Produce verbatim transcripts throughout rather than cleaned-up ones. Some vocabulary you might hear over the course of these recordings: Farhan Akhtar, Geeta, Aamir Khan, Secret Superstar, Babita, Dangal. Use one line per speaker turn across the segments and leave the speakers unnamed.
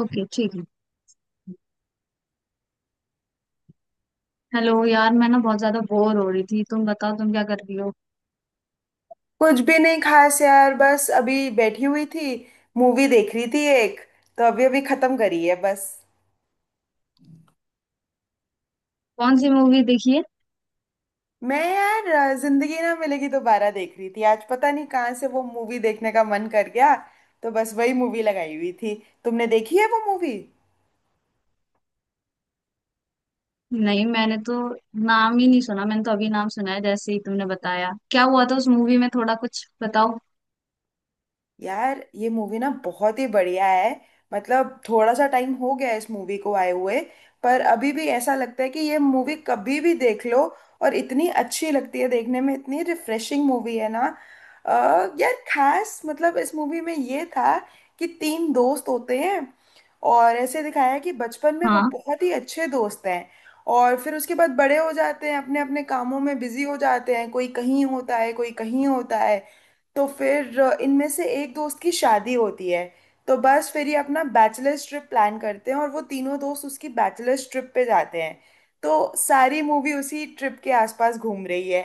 Okay, ठीक है। Hello यार, मैं ना बहुत ज्यादा बोर हो रही थी। तुम बताओ, तुम क्या कर रही हो।
कुछ भी नहीं खास यार। बस अभी बैठी हुई थी, मूवी देख रही थी एक। तो अभी अभी खत्म करी है बस।
कौन सी मूवी देखी है?
मैं यार, अ, जिंदगी ना मिलेगी दोबारा देख रही थी आज। पता नहीं कहाँ से वो मूवी देखने का मन कर गया, तो बस वही मूवी लगाई हुई थी। तुमने देखी है वो मूवी?
नहीं, मैंने तो नाम ही नहीं सुना। मैंने तो अभी नाम सुना है जैसे ही तुमने बताया। क्या हुआ था उस मूवी में, थोड़ा कुछ बताओ।
यार ये मूवी ना बहुत ही बढ़िया है। मतलब थोड़ा सा टाइम हो गया है इस मूवी को आए हुए, पर अभी भी ऐसा लगता है कि ये मूवी कभी भी देख लो और इतनी अच्छी लगती है देखने में। इतनी रिफ्रेशिंग मूवी है ना। अ, यार खास मतलब इस मूवी में ये था कि तीन दोस्त होते हैं और ऐसे दिखाया है कि बचपन में वो
हाँ।
बहुत ही अच्छे दोस्त हैं। और फिर उसके बाद बड़े हो जाते हैं, अपने अपने कामों में बिजी हो जाते हैं, कोई कहीं होता है कोई कहीं होता है। तो फिर अ, इनमें से एक दोस्त की शादी होती है, तो बस फिर ये अपना बैचलर्स ट्रिप प्लान करते हैं और वो तीनों दोस्त उसकी बैचलर्स ट्रिप पे जाते हैं। तो सारी मूवी उसी ट्रिप के आसपास घूम रही है।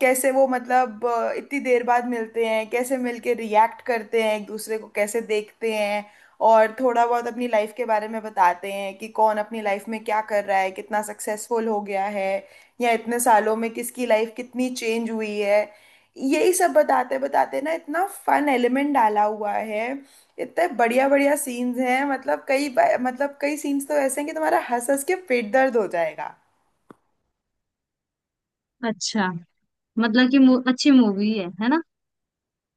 कैसे वो मतलब अ, इतनी देर बाद मिलते हैं, कैसे मिलके रिएक्ट करते हैं एक दूसरे को, कैसे देखते हैं। और थोड़ा बहुत अपनी लाइफ के बारे में बताते हैं कि कौन अपनी लाइफ में क्या कर रहा है, कितना सक्सेसफुल हो गया है, या इतने सालों में किसकी लाइफ कितनी चेंज हुई है। यही सब बताते बताते ना इतना फन एलिमेंट डाला हुआ है, इतने बढ़िया बढ़िया सीन्स हैं। मतलब कई बार, मतलब कई सीन्स तो ऐसे हैं कि तुम्हारा हंस हंस के पेट दर्द हो जाएगा।
अच्छा, मतलब कि मू, अच्छी मूवी है है ना?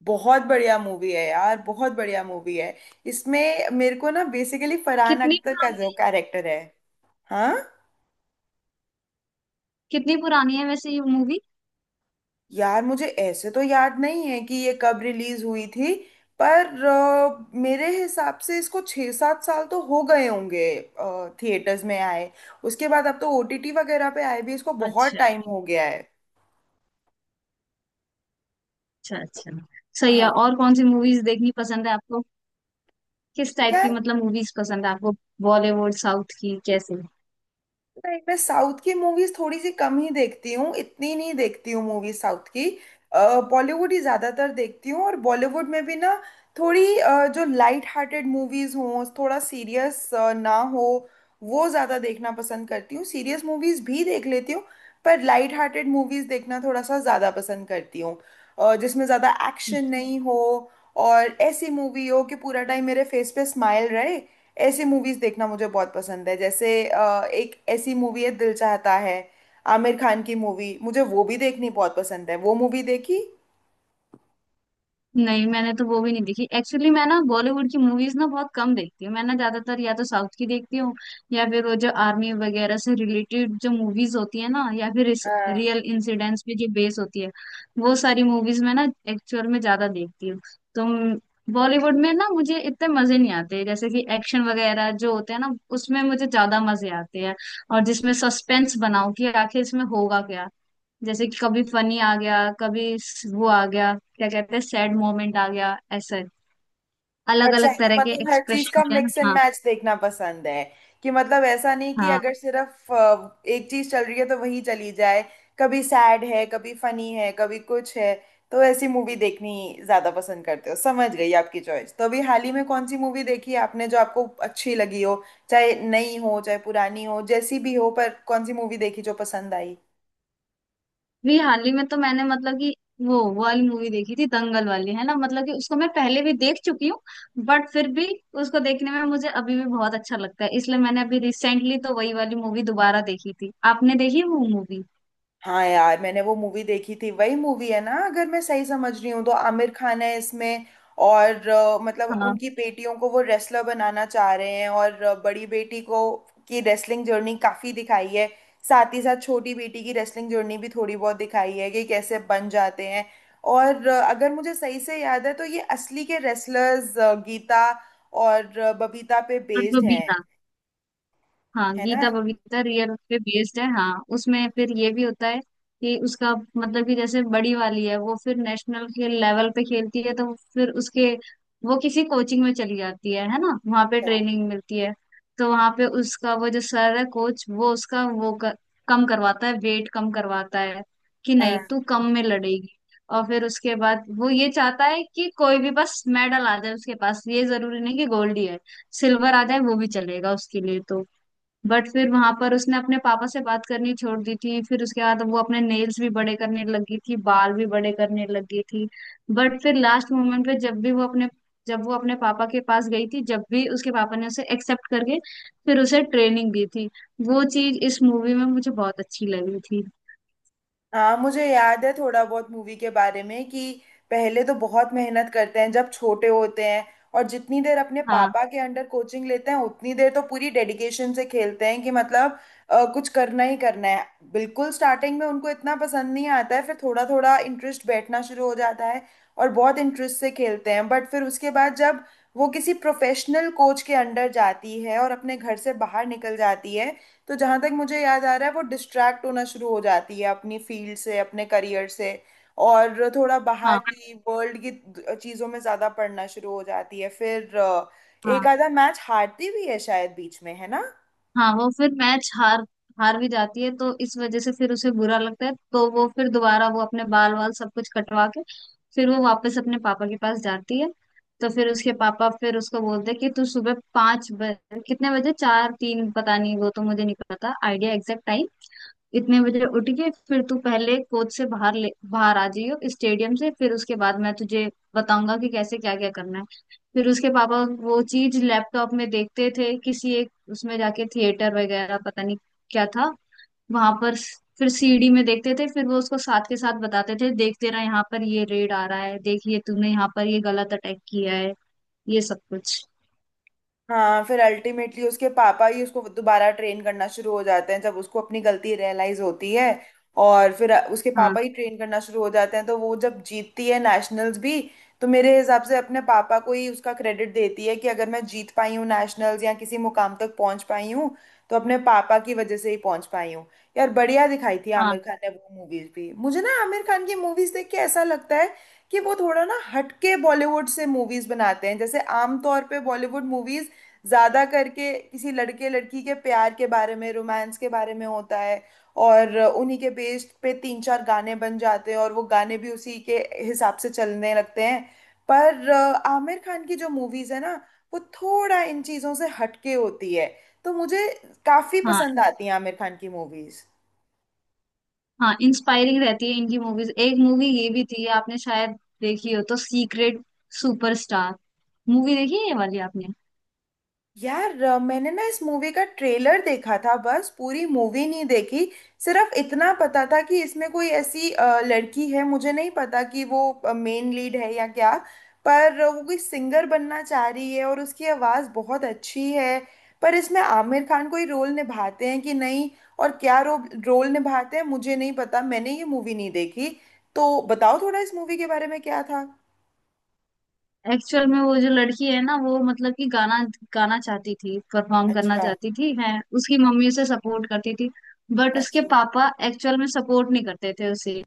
बहुत बढ़िया मूवी है यार, बहुत बढ़िया मूवी है। इसमें मेरे को ना बेसिकली फरहान
कितनी
अख्तर का
पुरानी
जो
है
कैरेक्टर है। हाँ,
कितनी पुरानी है वैसे ये मूवी?
यार मुझे ऐसे तो याद नहीं है कि ये कब रिलीज हुई थी, पर अ, मेरे हिसाब से इसको छः सात साल तो हो गए होंगे थिएटर्स में आए। उसके बाद अब तो ओटीटी वगैरह पे आए भी इसको बहुत
अच्छा,
टाइम हो गया है।
अच्छा, अच्छा। सही है।
हाँ।
और कौन सी मूवीज देखनी पसंद है आपको? किस टाइप की,
यार
मतलब, मूवीज पसंद है आपको? बॉलीवुड, साउथ की, कैसे?
नहीं, मैं साउथ की मूवीज थोड़ी सी कम ही देखती हूँ, इतनी नहीं देखती हूँ मूवीज साउथ की। बॉलीवुड ही ज्यादातर देखती हूँ और बॉलीवुड में भी ना थोड़ी अ, जो लाइट हार्टेड मूवीज हों, थोड़ा सीरियस ना हो, वो ज्यादा देखना पसंद करती हूँ। सीरियस मूवीज भी देख लेती हूँ, पर लाइट हार्टेड मूवीज देखना थोड़ा सा ज्यादा पसंद करती हूँ। अ, जिसमें ज्यादा एक्शन नहीं हो और ऐसी मूवी हो कि पूरा टाइम मेरे फेस पे स्माइल रहे, ऐसी मूवीज देखना मुझे बहुत पसंद है। जैसे अ, एक ऐसी मूवी है, दिल चाहता है, आमिर खान की मूवी, मुझे वो भी देखनी बहुत पसंद है। वो मूवी देखी?
नहीं, मैंने तो वो भी नहीं देखी एक्चुअली। मैं ना बॉलीवुड की मूवीज ना बहुत कम देखती हूँ। मैं ना ज्यादातर या तो साउथ की देखती हूँ, या फिर वो जो आर्मी वगैरह से रिलेटेड जो मूवीज होती है ना, या फिर
अ,
रियल इंसिडेंट्स पे जो बेस होती है, वो सारी मूवीज मैं ना एक्चुअल में ज्यादा देखती हूँ तो। बॉलीवुड में ना मुझे इतने मजे नहीं आते। जैसे कि एक्शन वगैरह जो होते हैं ना, उसमें मुझे ज्यादा मजे आते हैं। और जिसमें सस्पेंस बनाओ कि आखिर इसमें होगा क्या। जैसे कि कभी फनी आ गया, कभी स- वो आ गया, क्या कहते हैं, सैड मोमेंट आ गया, ऐसे अलग
अच्छा,
अलग
तो
तरह के
मतलब हर चीज
एक्सप्रेशन
का
होते हैं ना,
मिक्स एंड
हाँ।
मैच देखना पसंद है, कि मतलब ऐसा नहीं कि
हाँ।
अगर सिर्फ अ, एक चीज चल रही है तो वही चली जाए। कभी सैड है कभी फनी है कभी कुछ है, तो ऐसी मूवी देखनी ज्यादा पसंद करते हो। समझ गई आपकी चॉइस। तो अभी हाल ही में कौन सी मूवी देखी है आपने जो आपको अच्छी लगी हो? चाहे नई हो चाहे पुरानी हो जैसी भी हो, पर कौन सी मूवी देखी जो पसंद आई?
भी हाल ही में तो मैंने मतलब कि वो वो वाली मूवी देखी थी, दंगल वाली है ना, मतलब कि उसको मैं पहले भी देख चुकी हूँ। बट फिर भी उसको देखने में मुझे अभी भी बहुत अच्छा लगता है, इसलिए मैंने अभी रिसेंटली तो वही वाली मूवी दोबारा देखी थी। आपने देखी वो मूवी?
हाँ, यार मैंने वो मूवी देखी थी। वही मूवी है ना, अगर मैं सही समझ रही हूँ, तो आमिर खान है इसमें और अ, मतलब
हाँ,
उनकी बेटियों को वो रेसलर बनाना चाह रहे हैं। और अ, बड़ी बेटी को की रेसलिंग जर्नी काफी दिखाई है। साथ ही साथ छोटी बेटी की रेसलिंग जर्नी भी थोड़ी बहुत दिखाई है कि कैसे बन जाते हैं। और अ, अगर मुझे सही से याद है तो ये असली के रेसलर्स गीता और अ, बबीता पे
तत्व
बेस्ड हैं,
बीता। हाँ,
है
गीता बबीता रियल पे बेस्ड है। हाँ, उसमें फिर ये भी होता है कि उसका मतलब कि जैसे बड़ी वाली है, वो फिर नेशनल के लेवल पे खेलती है, तो फिर उसके वो किसी कोचिंग में चली जाती है है ना, वहाँ पे ट्रेनिंग मिलती है। तो वहाँ पे उसका वो जो सर है, कोच, वो उसका वो कर, कम करवाता है, वेट कम करवाता है कि नहीं,
ना।
तू कम में लड़ेगी। और फिर उसके बाद वो ये चाहता है कि कोई भी बस मेडल आ जाए उसके पास, ये जरूरी नहीं कि गोल्ड ही है, सिल्वर आ जाए वो भी चलेगा उसके लिए तो। बट फिर वहां पर उसने अपने पापा से बात करनी छोड़ दी थी। फिर उसके बाद वो अपने नेल्स भी बड़े करने लगी थी, बाल भी बड़े करने लगी थी। बट फिर लास्ट मोमेंट पे जब भी वो अपने जब वो अपने पापा के पास गई थी, जब भी उसके पापा ने उसे एक्सेप्ट करके फिर उसे ट्रेनिंग दी थी, वो चीज इस मूवी में मुझे बहुत अच्छी लगी थी।
हाँ, मुझे याद है थोड़ा बहुत मूवी के बारे में कि पहले तो बहुत मेहनत करते हैं जब छोटे होते हैं, और जितनी देर अपने
हाँ,
पापा के अंडर कोचिंग लेते हैं उतनी देर तो पूरी डेडिकेशन से खेलते हैं कि मतलब अ, कुछ करना ही करना है। बिल्कुल स्टार्टिंग में उनको इतना पसंद नहीं आता है, फिर थोड़ा थोड़ा इंटरेस्ट बैठना शुरू हो जाता है और बहुत इंटरेस्ट से खेलते हैं। बट फिर उसके बाद जब वो किसी प्रोफेशनल कोच के अंडर जाती है और अपने घर से बाहर निकल जाती है, तो जहाँ तक मुझे याद आ रहा है वो डिस्ट्रैक्ट होना शुरू हो जाती है अपनी फील्ड से, अपने करियर से, और थोड़ा बाहर
हाँ,
की वर्ल्ड की चीज़ों में ज़्यादा पढ़ना शुरू हो जाती है। फिर अ, एक
हाँ,
आधा मैच हारती भी है शायद बीच में, है ना।
हाँ। वो फिर मैच हार हार भी जाती है, तो इस वजह से फिर उसे बुरा लगता है, तो वो फिर दोबारा वो अपने बाल वाल सब कुछ कटवा के फिर वो वापस अपने पापा के पास जाती है। तो फिर उसके पापा फिर उसको बोलते हैं कि तू सुबह पाँच बजे, कितने बजे, चार, तीन, पता नहीं, वो तो मुझे नहीं पता आइडिया एग्जैक्ट टाइम। इतने बजे उठ के फिर तू पहले कोच से बाहर ले बाहर आ जाइयो स्टेडियम से, फिर उसके बाद मैं तुझे बताऊंगा कि कैसे क्या क्या करना है। फिर उसके पापा वो चीज लैपटॉप में देखते थे, किसी एक उसमें जाके थिएटर वगैरह, पता नहीं क्या था वहां पर। फिर सीडी में देखते थे, फिर वो उसको साथ के साथ बताते थे, देखते रहा यहाँ पर ये रेड आ रहा है, देखिए तूने यहाँ पर ये गलत अटैक किया है, ये सब कुछ।
हाँ, फिर अल्टीमेटली उसके पापा ही उसको दोबारा ट्रेन करना शुरू हो जाते हैं जब उसको अपनी गलती रियलाइज होती है। और फिर उसके
हाँ,
पापा ही ट्रेन करना शुरू हो जाते हैं, तो वो जब जीतती है नेशनल्स भी, तो मेरे हिसाब से अपने पापा को ही उसका क्रेडिट देती है कि अगर मैं जीत पाई हूँ नेशनल्स या किसी मुकाम तक पहुंच पाई हूँ, तो अपने पापा की वजह से ही पहुंच पाई हूँ। यार बढ़िया दिखाई थी
हाँ,
आमिर खान ने। वो मूवीज भी मुझे ना, आमिर खान की मूवीज देख के ऐसा लगता है कि वो थोड़ा ना हटके बॉलीवुड से मूवीज बनाते हैं। जैसे आमतौर पे बॉलीवुड मूवीज ज्यादा करके किसी लड़के लड़की के प्यार के बारे में, रोमांस के बारे में होता है, और उन्हीं के बेस्ड पे तीन चार गाने बन जाते हैं और वो गाने भी उसी के हिसाब से चलने लगते हैं। पर अ, आमिर खान की जो मूवीज है ना, वो थोड़ा इन चीजों से हटके होती है, तो मुझे काफी
हाँ,
पसंद आती है आमिर खान की मूवीज।
हाँ। इंस्पायरिंग रहती है इनकी मूवीज। एक मूवी ये भी थी, आपने शायद देखी हो तो, सीक्रेट सुपरस्टार। मूवी देखी है ये वाली आपने?
यार, अ, मैंने ना इस मूवी का ट्रेलर देखा था बस, पूरी मूवी नहीं देखी। सिर्फ इतना पता था कि इसमें कोई ऐसी अ, लड़की है, मुझे नहीं पता कि वो मेन लीड है या क्या, पर अ, वो कोई सिंगर बनना चाह रही है और उसकी आवाज़ बहुत अच्छी है। पर इसमें आमिर खान कोई रोल निभाते हैं कि नहीं, और क्या रो, रोल निभाते हैं मुझे नहीं पता, मैंने ये मूवी नहीं देखी। तो बताओ थोड़ा इस मूवी के बारे में क्या था।
एक्चुअल में वो जो लड़की है ना, वो मतलब कि गाना गाना चाहती थी, परफॉर्म करना
अच्छा।
चाहती थी, है। उसकी मम्मी उसे सपोर्ट करती थी, बट उसके
अच्छा
पापा एक्चुअल में सपोर्ट नहीं करते थे उसे।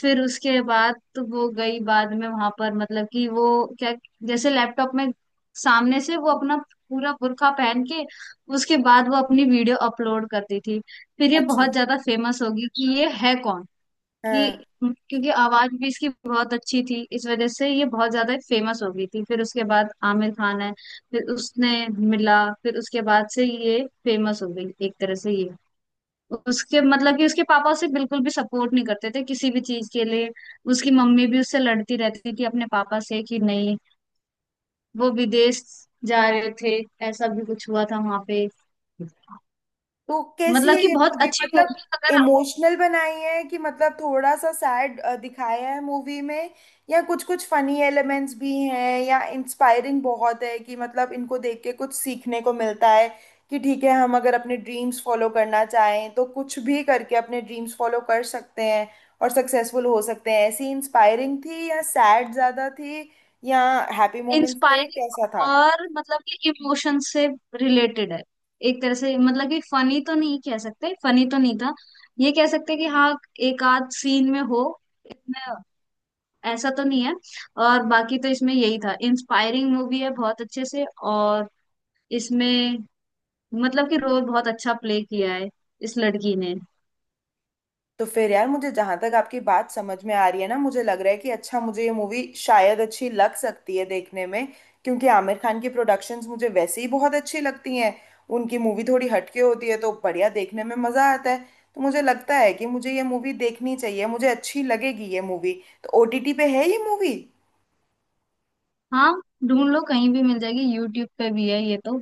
फिर उसके बाद तो वो गई बाद में वहां पर, मतलब कि वो क्या, जैसे लैपटॉप में सामने से वो अपना पूरा बुर्का पहन के, उसके बाद वो अपनी वीडियो अपलोड करती थी। फिर ये
अच्छा।
बहुत ज्यादा फेमस होगी कि ये है कौन।
हाँ,
कि क्योंकि आवाज भी इसकी बहुत अच्छी थी, इस वजह से ये बहुत ज्यादा फेमस हो गई थी। फिर उसके बाद आमिर खान है, फिर उसने मिला, फिर उसके बाद से ये फेमस हो गई एक तरह से ये। उसके मतलब कि उसके पापा उसे बिल्कुल भी सपोर्ट नहीं करते थे किसी भी चीज के लिए। उसकी मम्मी भी उससे लड़ती रहती थी अपने पापा से कि नहीं, वो विदेश जा रहे थे, ऐसा भी कुछ हुआ था वहां पे।
तो कैसी
मतलब
है
कि
ये
बहुत
मूवी,
अच्छी
मतलब
मूवी, अगर
इमोशनल बनाई है कि मतलब थोड़ा सा सैड दिखाया है मूवी में, या कुछ कुछ फनी एलिमेंट्स भी हैं, या इंस्पायरिंग बहुत है कि मतलब इनको देख के कुछ सीखने को मिलता है कि ठीक है हम अगर अपने ड्रीम्स फॉलो करना चाहें तो कुछ भी करके अपने ड्रीम्स फॉलो कर सकते हैं और सक्सेसफुल हो सकते हैं? ऐसी इंस्पायरिंग थी, या सैड ज़्यादा थी, या हैप्पी मोमेंट्स थे, कैसा
इंस्पायरिंग
था?
और मतलब कि इमोशन से रिलेटेड है, एक तरह से मतलब कि फनी तो नहीं कह सकते, फनी तो नहीं था, ये कह सकते कि हाँ एक आध सीन में हो, ऐसा तो नहीं है। और बाकी तो इसमें यही था, इंस्पायरिंग मूवी है, बहुत अच्छे से। और इसमें मतलब कि रोल बहुत अच्छा प्ले किया है इस लड़की ने।
तो फिर यार, मुझे जहां तक आपकी बात समझ में आ रही है ना, मुझे लग रहा है कि अच्छा मुझे ये मूवी शायद अच्छी लग सकती है देखने में, क्योंकि आमिर खान की प्रोडक्शंस मुझे वैसे ही बहुत अच्छी लगती हैं। उनकी मूवी थोड़ी हटके होती है तो बढ़िया, देखने में मजा आता है। तो मुझे लगता है कि मुझे ये मूवी देखनी चाहिए, मुझे अच्छी लगेगी ये मूवी। तो ओटीटी पे है ये मूवी?
हाँ, ढूंढ लो, कहीं भी मिल जाएगी, यूट्यूब पे भी है ये तो।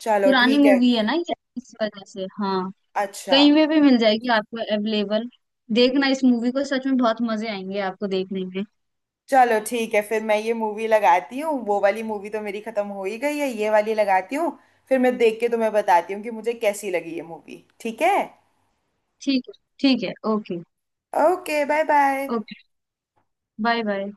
चलो
पुरानी
ठीक है।
मूवी है ना ये, इस वजह से, हाँ।
अच्छा,
कहीं पे भी मिल जाएगी आपको अवेलेबल। देखना इस मूवी को, सच में बहुत मजे आएंगे आपको देखने में।
चलो ठीक है, फिर मैं ये मूवी लगाती हूँ। वो वाली मूवी तो मेरी खत्म हो ही गई है, ये वाली लगाती हूँ। फिर मैं देख के तुम्हें बताती हूँ कि मुझे कैसी लगी ये मूवी, ठीक है।
ठीक है। ठीक है, okay.
Okay, bye bye.
Okay, bye bye.